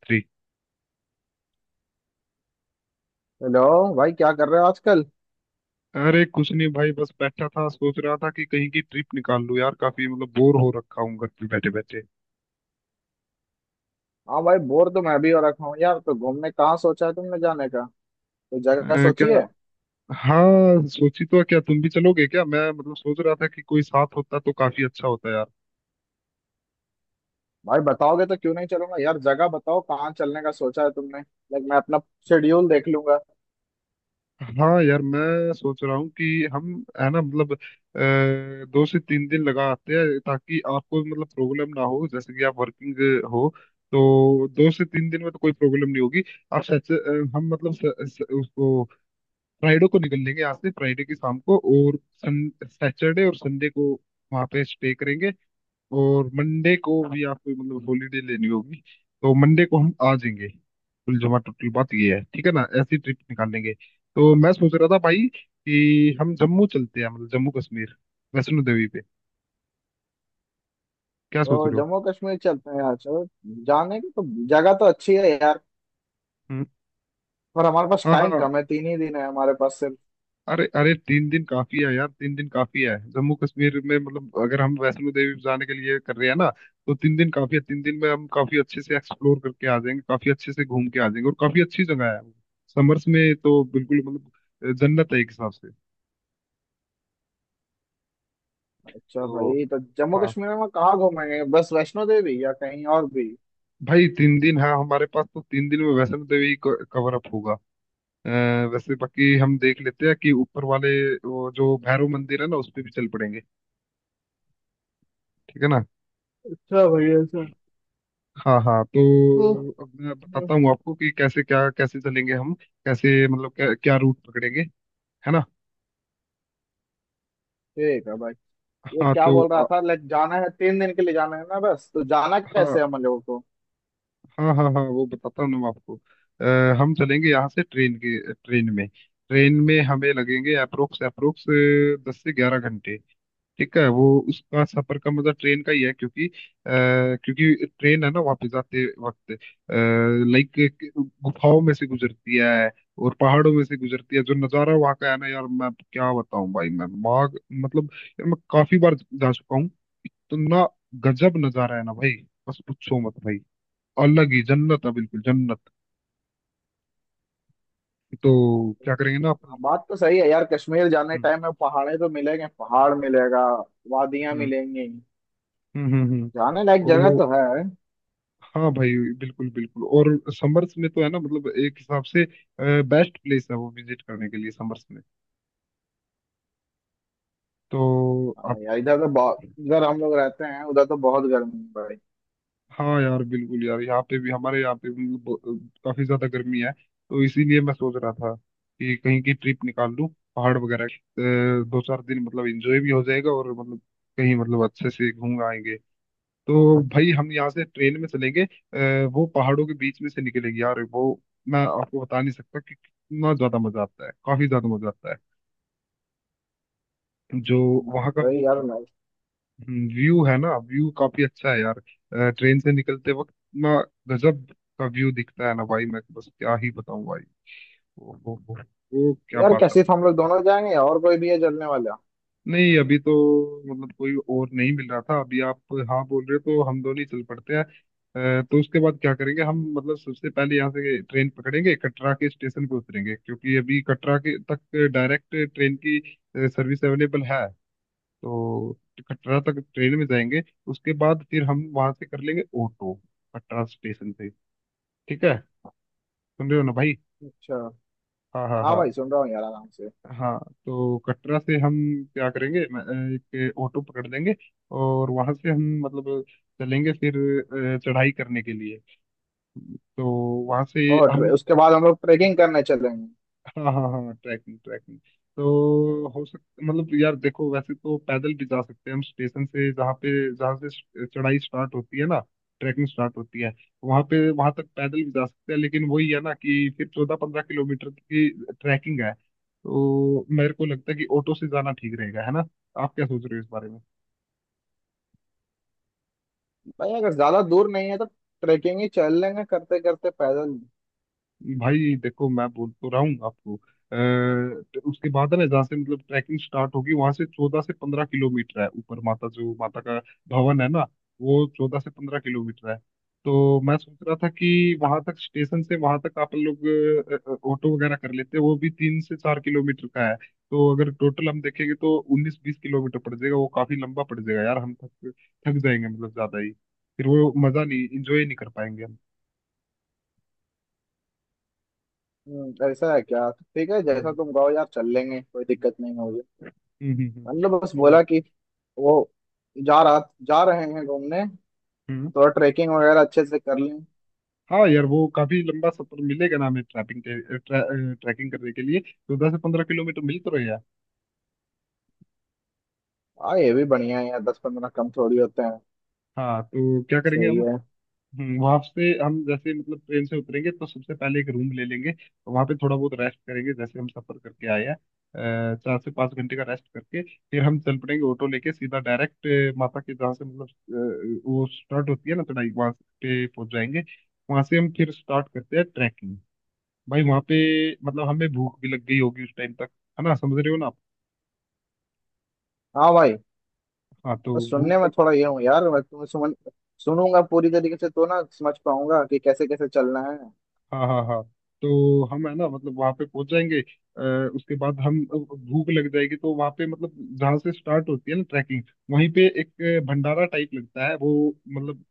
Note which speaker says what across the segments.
Speaker 1: 3।
Speaker 2: Hello. भाई क्या कर रहे हो आजकल?
Speaker 1: अरे कुछ नहीं भाई, बस बैठा था, सोच रहा था कि कहीं की ट्रिप निकाल लूं यार, काफी मतलब बोर हो रखा हूँ घर पे बैठे बैठे।
Speaker 2: हाँ भाई बोर तो मैं भी हो रखा हूँ यार। तो घूमने कहाँ सोचा है तुमने जाने का? तो जगह सोची
Speaker 1: क्या?
Speaker 2: है?
Speaker 1: हाँ सोची तो है, क्या तुम भी चलोगे क्या? मैं मतलब सोच रहा था कि कोई साथ होता तो काफी अच्छा होता यार।
Speaker 2: भाई बताओगे तो क्यों नहीं चलूंगा यार। जगह बताओ कहाँ चलने का सोचा है तुमने। लाइक मैं अपना शेड्यूल देख लूंगा।
Speaker 1: हाँ यार, मैं सोच रहा हूँ कि हम है ना, मतलब 2 से 3 दिन लगा आते हैं ताकि आपको मतलब प्रॉब्लम ना हो, जैसे कि आप वर्किंग हो तो 2 से 3 दिन में तो कोई प्रॉब्लम नहीं होगी। आप सच हम मतलब स, स, उसको फ्राइडे को निकल लेंगे यहाँ से, फ्राइडे की शाम को, और सन सैटरडे और संडे को वहाँ पे स्टे करेंगे। और मंडे को भी आपको मतलब हॉलीडे लेनी होगी, तो मंडे को हम आ जाएंगे। कुल जमा टोटल बात ये है, ठीक है ना? ऐसी ट्रिप निकालेंगे। तो मैं सोच रहा था भाई कि हम जम्मू चलते हैं, मतलब जम्मू कश्मीर, वैष्णो देवी पे। क्या सोच
Speaker 2: तो
Speaker 1: रहे हो?
Speaker 2: जम्मू कश्मीर चलते हैं यार, चलो। जाने की तो जगह तो अच्छी है यार।
Speaker 1: हम्म।
Speaker 2: पर हमारे पास
Speaker 1: हाँ
Speaker 2: टाइम
Speaker 1: हाँ।
Speaker 2: कम है, 3 ही दिन है हमारे पास सिर्फ।
Speaker 1: अरे अरे, 3 दिन काफी है यार, 3 दिन काफी है जम्मू कश्मीर में, मतलब अगर हम वैष्णो देवी जाने के लिए कर रहे हैं ना तो 3 दिन काफी है। 3 दिन में हम काफी अच्छे से एक्सप्लोर करके आ जाएंगे, काफी अच्छे से घूम के आ जाएंगे, और काफी अच्छी जगह है वो। समर्स में तो बिल्कुल मतलब जन्नत है एक हिसाब से।
Speaker 2: अच्छा
Speaker 1: तो
Speaker 2: भाई, तो जम्मू
Speaker 1: हाँ
Speaker 2: कश्मीर में हम कहाँ घूमेंगे, बस वैष्णो देवी या कहीं और भी?
Speaker 1: भाई, 3 दिन है हमारे पास, तो 3 दिन में वैष्णो देवी कवर अप होगा। अ, वैसे बाकी हम देख लेते हैं कि ऊपर वाले, वो जो भैरव मंदिर है ना, उस पे भी चल पड़ेंगे। ठीक है ना?
Speaker 2: अच्छा भाई ऐसा।
Speaker 1: हाँ हाँ,
Speaker 2: ओह,
Speaker 1: तो अब मैं
Speaker 2: ओह,
Speaker 1: बताता हूँ आपको कि कैसे चलेंगे हम, कैसे मतलब क्या रूट पकड़ेंगे। है ना?
Speaker 2: ठीक है भाई। ये
Speaker 1: हाँ
Speaker 2: क्या
Speaker 1: तो
Speaker 2: बोल रहा था? लाइक जाना है, 3 दिन के लिए जाना है ना बस, तो जाना
Speaker 1: हाँ
Speaker 2: कैसे है हम लोगों को?
Speaker 1: हाँ हाँ हाँ, वो बताता हूँ ना मैं आपको। हम चलेंगे यहाँ से ट्रेन के, ट्रेन में हमें लगेंगे अप्रोक्स अप्रोक्स 10 से 11 घंटे। ठीक है, वो उसका सफर का मतलब ट्रेन का ही है, क्योंकि क्योंकि ट्रेन है ना, वापस आते वक्त लाइक गुफाओं में से गुजरती है, और पहाड़ों में से गुजरती है। जो नज़ारा वहाँ का है ना यार, मैं क्या बताऊं भाई, मैं वहाँ मतलब, यार मैं काफी बार जा चुका हूँ, इतना गजब नज़ारा है ना भाई। बस पूछो मत भाई, अलग ही जन्नत है, बिल्कुल जन्नत। तो क्या करेंगे ना
Speaker 2: हाँ,
Speaker 1: अपन।
Speaker 2: बात तो सही है यार। कश्मीर जाने
Speaker 1: हम्म
Speaker 2: टाइम में पहाड़े तो मिलेंगे, पहाड़ मिलेगा, वादियां
Speaker 1: हम्म
Speaker 2: मिलेंगी,
Speaker 1: हम्म हम्म
Speaker 2: जाने लायक जगह
Speaker 1: हम्म।
Speaker 2: तो है।
Speaker 1: हाँ भाई बिल्कुल बिल्कुल, और समर्स में तो है ना, मतलब एक हिसाब से बेस्ट प्लेस है वो विजिट करने के लिए समर्स में। तो आप,
Speaker 2: हाँ यार, इधर तो बहुत, इधर हम लोग रहते हैं उधर तो बहुत गर्मी है भाई।
Speaker 1: हाँ यार बिल्कुल यार, यहाँ पे भी, हमारे यहाँ पे भी मतलब काफी ज्यादा गर्मी है, तो इसीलिए मैं सोच रहा था कि कहीं की ट्रिप निकाल लूँ, पहाड़ वगैरह की। दो चार दिन मतलब एंजॉय भी हो जाएगा, और मतलब कहीं मतलब अच्छे से घूम आएंगे। तो भाई, हम यहाँ से ट्रेन में चलेंगे, वो पहाड़ों के बीच में से निकलेगी यार वो। मैं आपको बता नहीं सकता कि कितना ज्यादा मजा आता है, काफी ज्यादा मजा आता है। जो वहाँ का
Speaker 2: भाई
Speaker 1: वो
Speaker 2: यार मैं,
Speaker 1: व्यू है ना, व्यू काफी अच्छा है यार। ट्रेन से निकलते वक्त इतना गजब का व्यू दिखता है ना भाई, मैं तो बस क्या ही बताऊं भाई। वो, वो, वो, वो क्या
Speaker 2: यार
Speaker 1: बात है
Speaker 2: कैसे
Speaker 1: भाई,
Speaker 2: हम
Speaker 1: क्या
Speaker 2: लोग
Speaker 1: बात।
Speaker 2: दोनों जाएंगे, या और कोई भी है चलने वाला?
Speaker 1: नहीं, अभी तो मतलब कोई और नहीं मिल रहा था, अभी आप हाँ बोल रहे हो तो हम दोनों ही चल पड़ते हैं। तो उसके बाद क्या करेंगे हम? मतलब सबसे पहले यहाँ से ट्रेन पकड़ेंगे, कटरा के स्टेशन पे उतरेंगे, क्योंकि अभी कटरा के तक डायरेक्ट ट्रेन की सर्विस अवेलेबल है। तो कटरा तक ट्रेन में जाएंगे, उसके बाद फिर हम वहाँ से कर लेंगे ऑटो, कटरा स्टेशन से। ठीक है, सुन रहे हो ना भाई?
Speaker 2: अच्छा।
Speaker 1: हाँ हाँ
Speaker 2: हाँ
Speaker 1: हाँ।
Speaker 2: भाई सुन रहा हूँ यार आराम से।
Speaker 1: हाँ, तो कटरा से हम क्या करेंगे? मैं, एक ऑटो पकड़ लेंगे, और वहां से हम मतलब चलेंगे फिर चढ़ाई करने के लिए। तो वहां से
Speaker 2: और
Speaker 1: हम,
Speaker 2: उसके बाद हम लोग ट्रेकिंग करने चलेंगे।
Speaker 1: हाँ हाँ हाँ, ट्रैकिंग ट्रैकिंग। तो हो सकता, मतलब यार देखो, वैसे तो पैदल भी जा सकते हैं हम स्टेशन से, जहाँ पे जहाँ से चढ़ाई स्टार्ट होती है ना, ट्रैकिंग स्टार्ट होती है वहाँ पे, वहाँ तक पैदल भी जा सकते हैं। लेकिन वही है ना कि फिर 14-15 किलोमीटर की ट्रैकिंग है, तो मेरे को लगता है कि ऑटो से जाना ठीक रहेगा, है ना? आप क्या सोच रहे हो इस बारे में?
Speaker 2: भाई अगर ज्यादा दूर नहीं है तो ट्रेकिंग ही चल लेंगे करते करते पैदल।
Speaker 1: भाई देखो, मैं बोल तो रहा हूँ आपको। तो उसके बाद है ना, जहाँ से मतलब ट्रैकिंग स्टार्ट होगी, वहां से 14 से 15 किलोमीटर है ऊपर, माता, जो माता का भवन है ना, वो 14 से 15 किलोमीटर है। तो मैं सोच रहा था कि वहां तक, स्टेशन से वहां तक आप लोग ऑटो वगैरह कर लेते, वो भी 3 से 4 किलोमीटर का है। तो अगर टोटल हम देखेंगे तो 19-20 किलोमीटर पड़ जाएगा, वो काफी लंबा पड़ जाएगा यार, हम थक थक जाएंगे, मतलब ज्यादा ही, फिर वो मजा नहीं, इंजॉय नहीं कर पाएंगे हम।
Speaker 2: ऐसा है क्या? तो ठीक है, जैसा
Speaker 1: हम्म
Speaker 2: तुम कहो यार, चल लेंगे, कोई दिक्कत नहीं है मुझे।
Speaker 1: हम्म हम्म हम्म।
Speaker 2: मतलब बस बोला
Speaker 1: तो
Speaker 2: कि वो जा रहा जा रहे हैं घूमने।
Speaker 1: हम्म,
Speaker 2: थोड़ा ट्रैकिंग वगैरह अच्छे से कर लें।
Speaker 1: हाँ यार, वो काफी लंबा सफर मिलेगा ना हमें, ट्रैकिंग करने के लिए, तो 10 से 15 किलोमीटर मिल तो रहे यार।
Speaker 2: हाँ, ये भी बढ़िया है यार, 10 15 कम थोड़ी होते हैं।
Speaker 1: हाँ तो क्या करेंगे
Speaker 2: सही
Speaker 1: हम?
Speaker 2: है।
Speaker 1: वहाँ से हम जैसे मतलब ट्रेन से उतरेंगे तो सबसे पहले एक रूम ले लेंगे, तो वहाँ पे थोड़ा बहुत रेस्ट करेंगे, जैसे हम सफर करके आए हैं। 4 से 5 घंटे का रेस्ट करके फिर हम चल पड़ेंगे ऑटो लेके सीधा डायरेक्ट माता के, जहाँ से मतलब वो स्टार्ट होती है ना चढ़ाई, वहाँ पे पहुंच जाएंगे। वहाँ से हम फिर स्टार्ट करते हैं ट्रैकिंग। भाई वहां पे मतलब हमें भूख भी लग गई होगी उस टाइम तक, है ना? समझ रहे हो ना आप?
Speaker 2: हाँ भाई,
Speaker 1: हाँ तो
Speaker 2: और
Speaker 1: भूख
Speaker 2: सुनने में
Speaker 1: लग,
Speaker 2: थोड़ा ये हूँ यार, मैं तुम्हें सुनूंगा पूरी तरीके से तो ना समझ पाऊंगा कि कैसे कैसे चलना है।
Speaker 1: हाँ हाँ हाँ, तो हम है ना मतलब वहां पे पहुंच जाएंगे। उसके बाद हम, भूख लग जाएगी तो वहां पे मतलब जहाँ से स्टार्ट होती है ना ट्रैकिंग, वहीं पे एक भंडारा टाइप लगता है, वो मतलब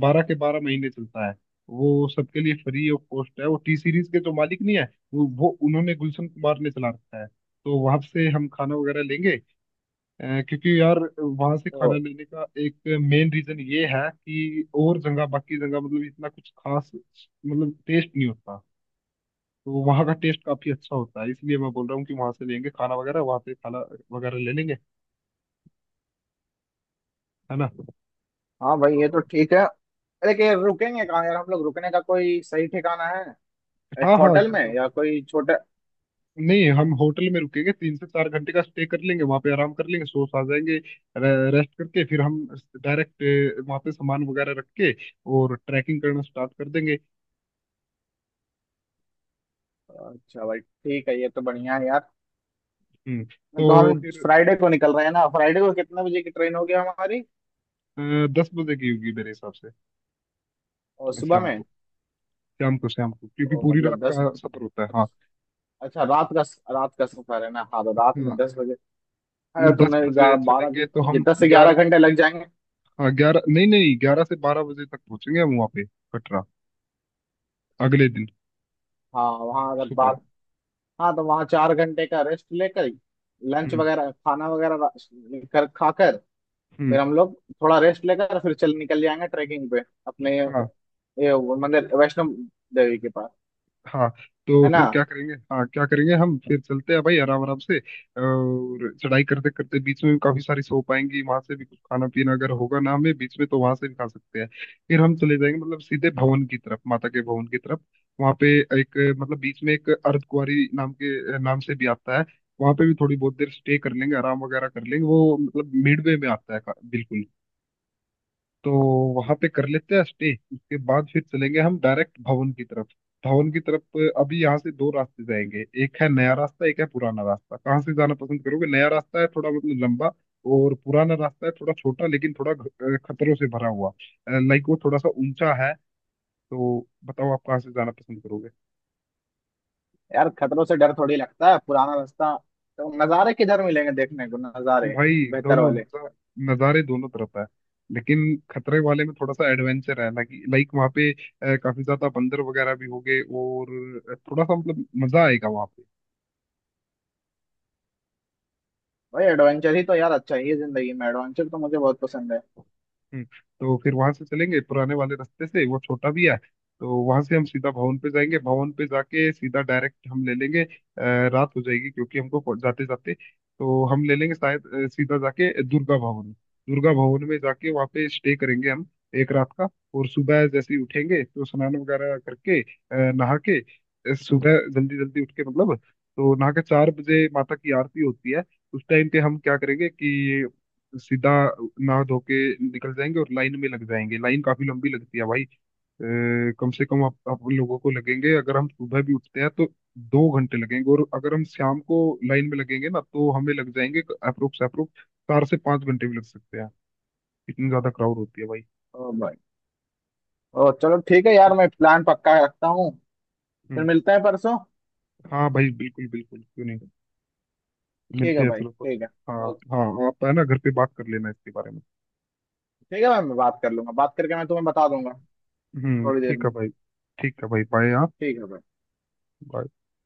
Speaker 1: 12 के 12 महीने चलता है, वो सबके लिए फ्री ऑफ कॉस्ट है। वो टी सीरीज के जो मालिक नहीं है वो उन्होंने गुलशन कुमार ने चला रखा है। तो वहां से हम खाना वगैरह लेंगे, क्योंकि यार वहां से खाना
Speaker 2: तो
Speaker 1: लेने का एक मेन रीजन ये है कि और जगह, बाकी जगह मतलब इतना कुछ खास मतलब टेस्ट नहीं होता, तो वहाँ का टेस्ट काफी अच्छा होता है, इसलिए मैं बोल रहा हूँ कि वहां से लेंगे खाना वगैरह, वहां से खाना वगैरह ले लेंगे, है ना तो-
Speaker 2: हाँ भाई, ये तो ठीक है। अरे, कि रुकेंगे कहाँ यार हम लोग, रुकने का कोई सही ठिकाना है? एक
Speaker 1: हाँ हाँ
Speaker 2: होटल
Speaker 1: यार,
Speaker 2: में
Speaker 1: तो-
Speaker 2: या कोई छोटा।
Speaker 1: नहीं, हम होटल में रुकेंगे, 3 से 4 घंटे का स्टे कर लेंगे वहां पे, आराम कर लेंगे, सो आ जाएंगे, रेस्ट करके फिर हम डायरेक्ट वहां पे सामान वगैरह रख के और ट्रैकिंग करना स्टार्ट कर देंगे।
Speaker 2: अच्छा भाई ठीक है, ये तो बढ़िया है यार। तो
Speaker 1: तो
Speaker 2: हम
Speaker 1: फिर
Speaker 2: फ्राइडे को निकल रहे हैं ना? फ्राइडे को कितने बजे की ट्रेन होगी हमारी?
Speaker 1: अ, 10 बजे की होगी मेरे हिसाब से,
Speaker 2: और सुबह
Speaker 1: शाम
Speaker 2: में?
Speaker 1: को, शाम को, शाम को, क्योंकि
Speaker 2: तो
Speaker 1: पूरी
Speaker 2: मतलब
Speaker 1: रात
Speaker 2: 10।
Speaker 1: का सफर होता है, हाँ।
Speaker 2: अच्छा, रात का, रात का सफर है ना? हाँ तो रात में
Speaker 1: हाँ
Speaker 2: 10 बजे, अगर
Speaker 1: दस
Speaker 2: तुमने
Speaker 1: बजे
Speaker 2: 11 12 घंटे,
Speaker 1: चलेंगे तो
Speaker 2: ये
Speaker 1: हम
Speaker 2: दस से 11
Speaker 1: 11,
Speaker 2: घंटे लग जाएंगे।
Speaker 1: हाँ 11, नहीं नहीं, 11 से 12 बजे तक पहुंचेंगे हम वहाँ पे कटरा, अगले दिन
Speaker 2: हाँ वहाँ अगर
Speaker 1: सुबह।
Speaker 2: बार, हाँ, तो वहाँ 4 घंटे का रेस्ट लेकर लंच
Speaker 1: हम्म
Speaker 2: वगैरह, खाना वगैरह कर खाकर, फिर
Speaker 1: हम्म,
Speaker 2: हम लोग थोड़ा रेस्ट लेकर फिर चल निकल जाएंगे ट्रैकिंग पे अपने। ये वो मंदिर वैष्णो देवी के पास।
Speaker 1: हाँ तो
Speaker 2: है ना
Speaker 1: फिर क्या करेंगे? हाँ क्या करेंगे हम? फिर चलते हैं भाई आराम आराम से, और चढ़ाई करते करते बीच में भी काफी सारी शॉप आएंगी, वहां से भी कुछ खाना पीना अगर होगा ना हमें बीच में तो वहां से भी खा सकते हैं। फिर हम चले जाएंगे मतलब सीधे भवन की तरफ, माता के भवन की तरफ। वहां पे एक, मतलब बीच में एक अर्धकुंवारी नाम के, नाम से भी आता है, वहां पे भी थोड़ी बहुत देर स्टे कर लेंगे, आराम वगैरह कर लेंगे, वो मतलब मिडवे में आता है बिल्कुल। तो वहां पे कर लेते हैं स्टे, उसके बाद फिर चलेंगे हम डायरेक्ट भवन की तरफ, भवन की तरफ। अभी यहाँ से दो रास्ते जाएंगे, एक है नया रास्ता, एक है पुराना रास्ता, कहाँ से जाना पसंद करोगे? नया रास्ता है थोड़ा मतलब लंबा, और पुराना रास्ता है थोड़ा छोटा, लेकिन थोड़ा खतरों से भरा हुआ, लाइक वो थोड़ा सा ऊंचा है। तो बताओ, आप कहाँ से जाना पसंद करोगे?
Speaker 2: यार? खतरों से डर थोड़ी लगता है, पुराना रास्ता। तो नज़ारे किधर मिलेंगे देखने को, नज़ारे
Speaker 1: भाई
Speaker 2: बेहतर
Speaker 1: दोनों
Speaker 2: वाले?
Speaker 1: नज़ारे दोनों तरफ है, लेकिन खतरे वाले में थोड़ा सा एडवेंचर है, लाइक लाइक वहाँ पे काफी ज्यादा बंदर वगैरह भी होंगे, और थोड़ा सा मतलब मजा आएगा वहाँ।
Speaker 2: भाई एडवेंचर ही तो यार, अच्छा ही है जिंदगी में, एडवेंचर तो मुझे बहुत पसंद है।
Speaker 1: तो फिर वहां से चलेंगे पुराने वाले रास्ते से, वो छोटा भी है। तो वहां से हम सीधा भवन पे जाएंगे, भवन पे जाके सीधा डायरेक्ट हम ले लेंगे, रात हो जाएगी क्योंकि हमको जाते जाते, तो हम ले लेंगे शायद सीधा जाके दुर्गा भवन, दुर्गा भवन में जाके वहाँ पे स्टे करेंगे हम एक रात का। और सुबह जैसे ही उठेंगे तो स्नान वगैरह करके, नहा के, सुबह जल्दी जल्दी उठ के मतलब, तो नहा के 4 बजे माता की आरती होती है, उस टाइम पे हम क्या करेंगे कि सीधा नहा धो के निकल जाएंगे और लाइन में लग जाएंगे। लाइन काफी लंबी लगती है भाई, अ, कम से कम आप लोगों को लगेंगे, अगर हम सुबह भी उठते हैं तो 2 घंटे लगेंगे, और अगर हम शाम को लाइन में लगेंगे ना तो हमें लग जाएंगे अप्रोक्स अप्रोक्स 4 से 5 घंटे भी लग सकते हैं, इतनी ज्यादा क्राउड होती है भाई।
Speaker 2: ओ भाई, ओ चलो ठीक है यार, मैं प्लान पक्का रखता हूँ। फिर
Speaker 1: हम्म।
Speaker 2: मिलते हैं परसों।
Speaker 1: हाँ भाई बिल्कुल बिल्कुल, क्यों नहीं,
Speaker 2: ठीक है
Speaker 1: मिलते हैं
Speaker 2: भाई
Speaker 1: चलो
Speaker 2: ठीक
Speaker 1: परसों।
Speaker 2: है।
Speaker 1: हाँ
Speaker 2: ओके
Speaker 1: हाँ, आप है ना घर पे बात कर लेना इसके बारे में।
Speaker 2: ठीक है भाई, मैं बात कर लूंगा, बात करके मैं तुम्हें बता दूंगा
Speaker 1: हम्म,
Speaker 2: थोड़ी देर
Speaker 1: ठीक है
Speaker 2: में।
Speaker 1: भाई। ठीक है भाई, बाय हाँ।
Speaker 2: ठीक है भाई।
Speaker 1: bye।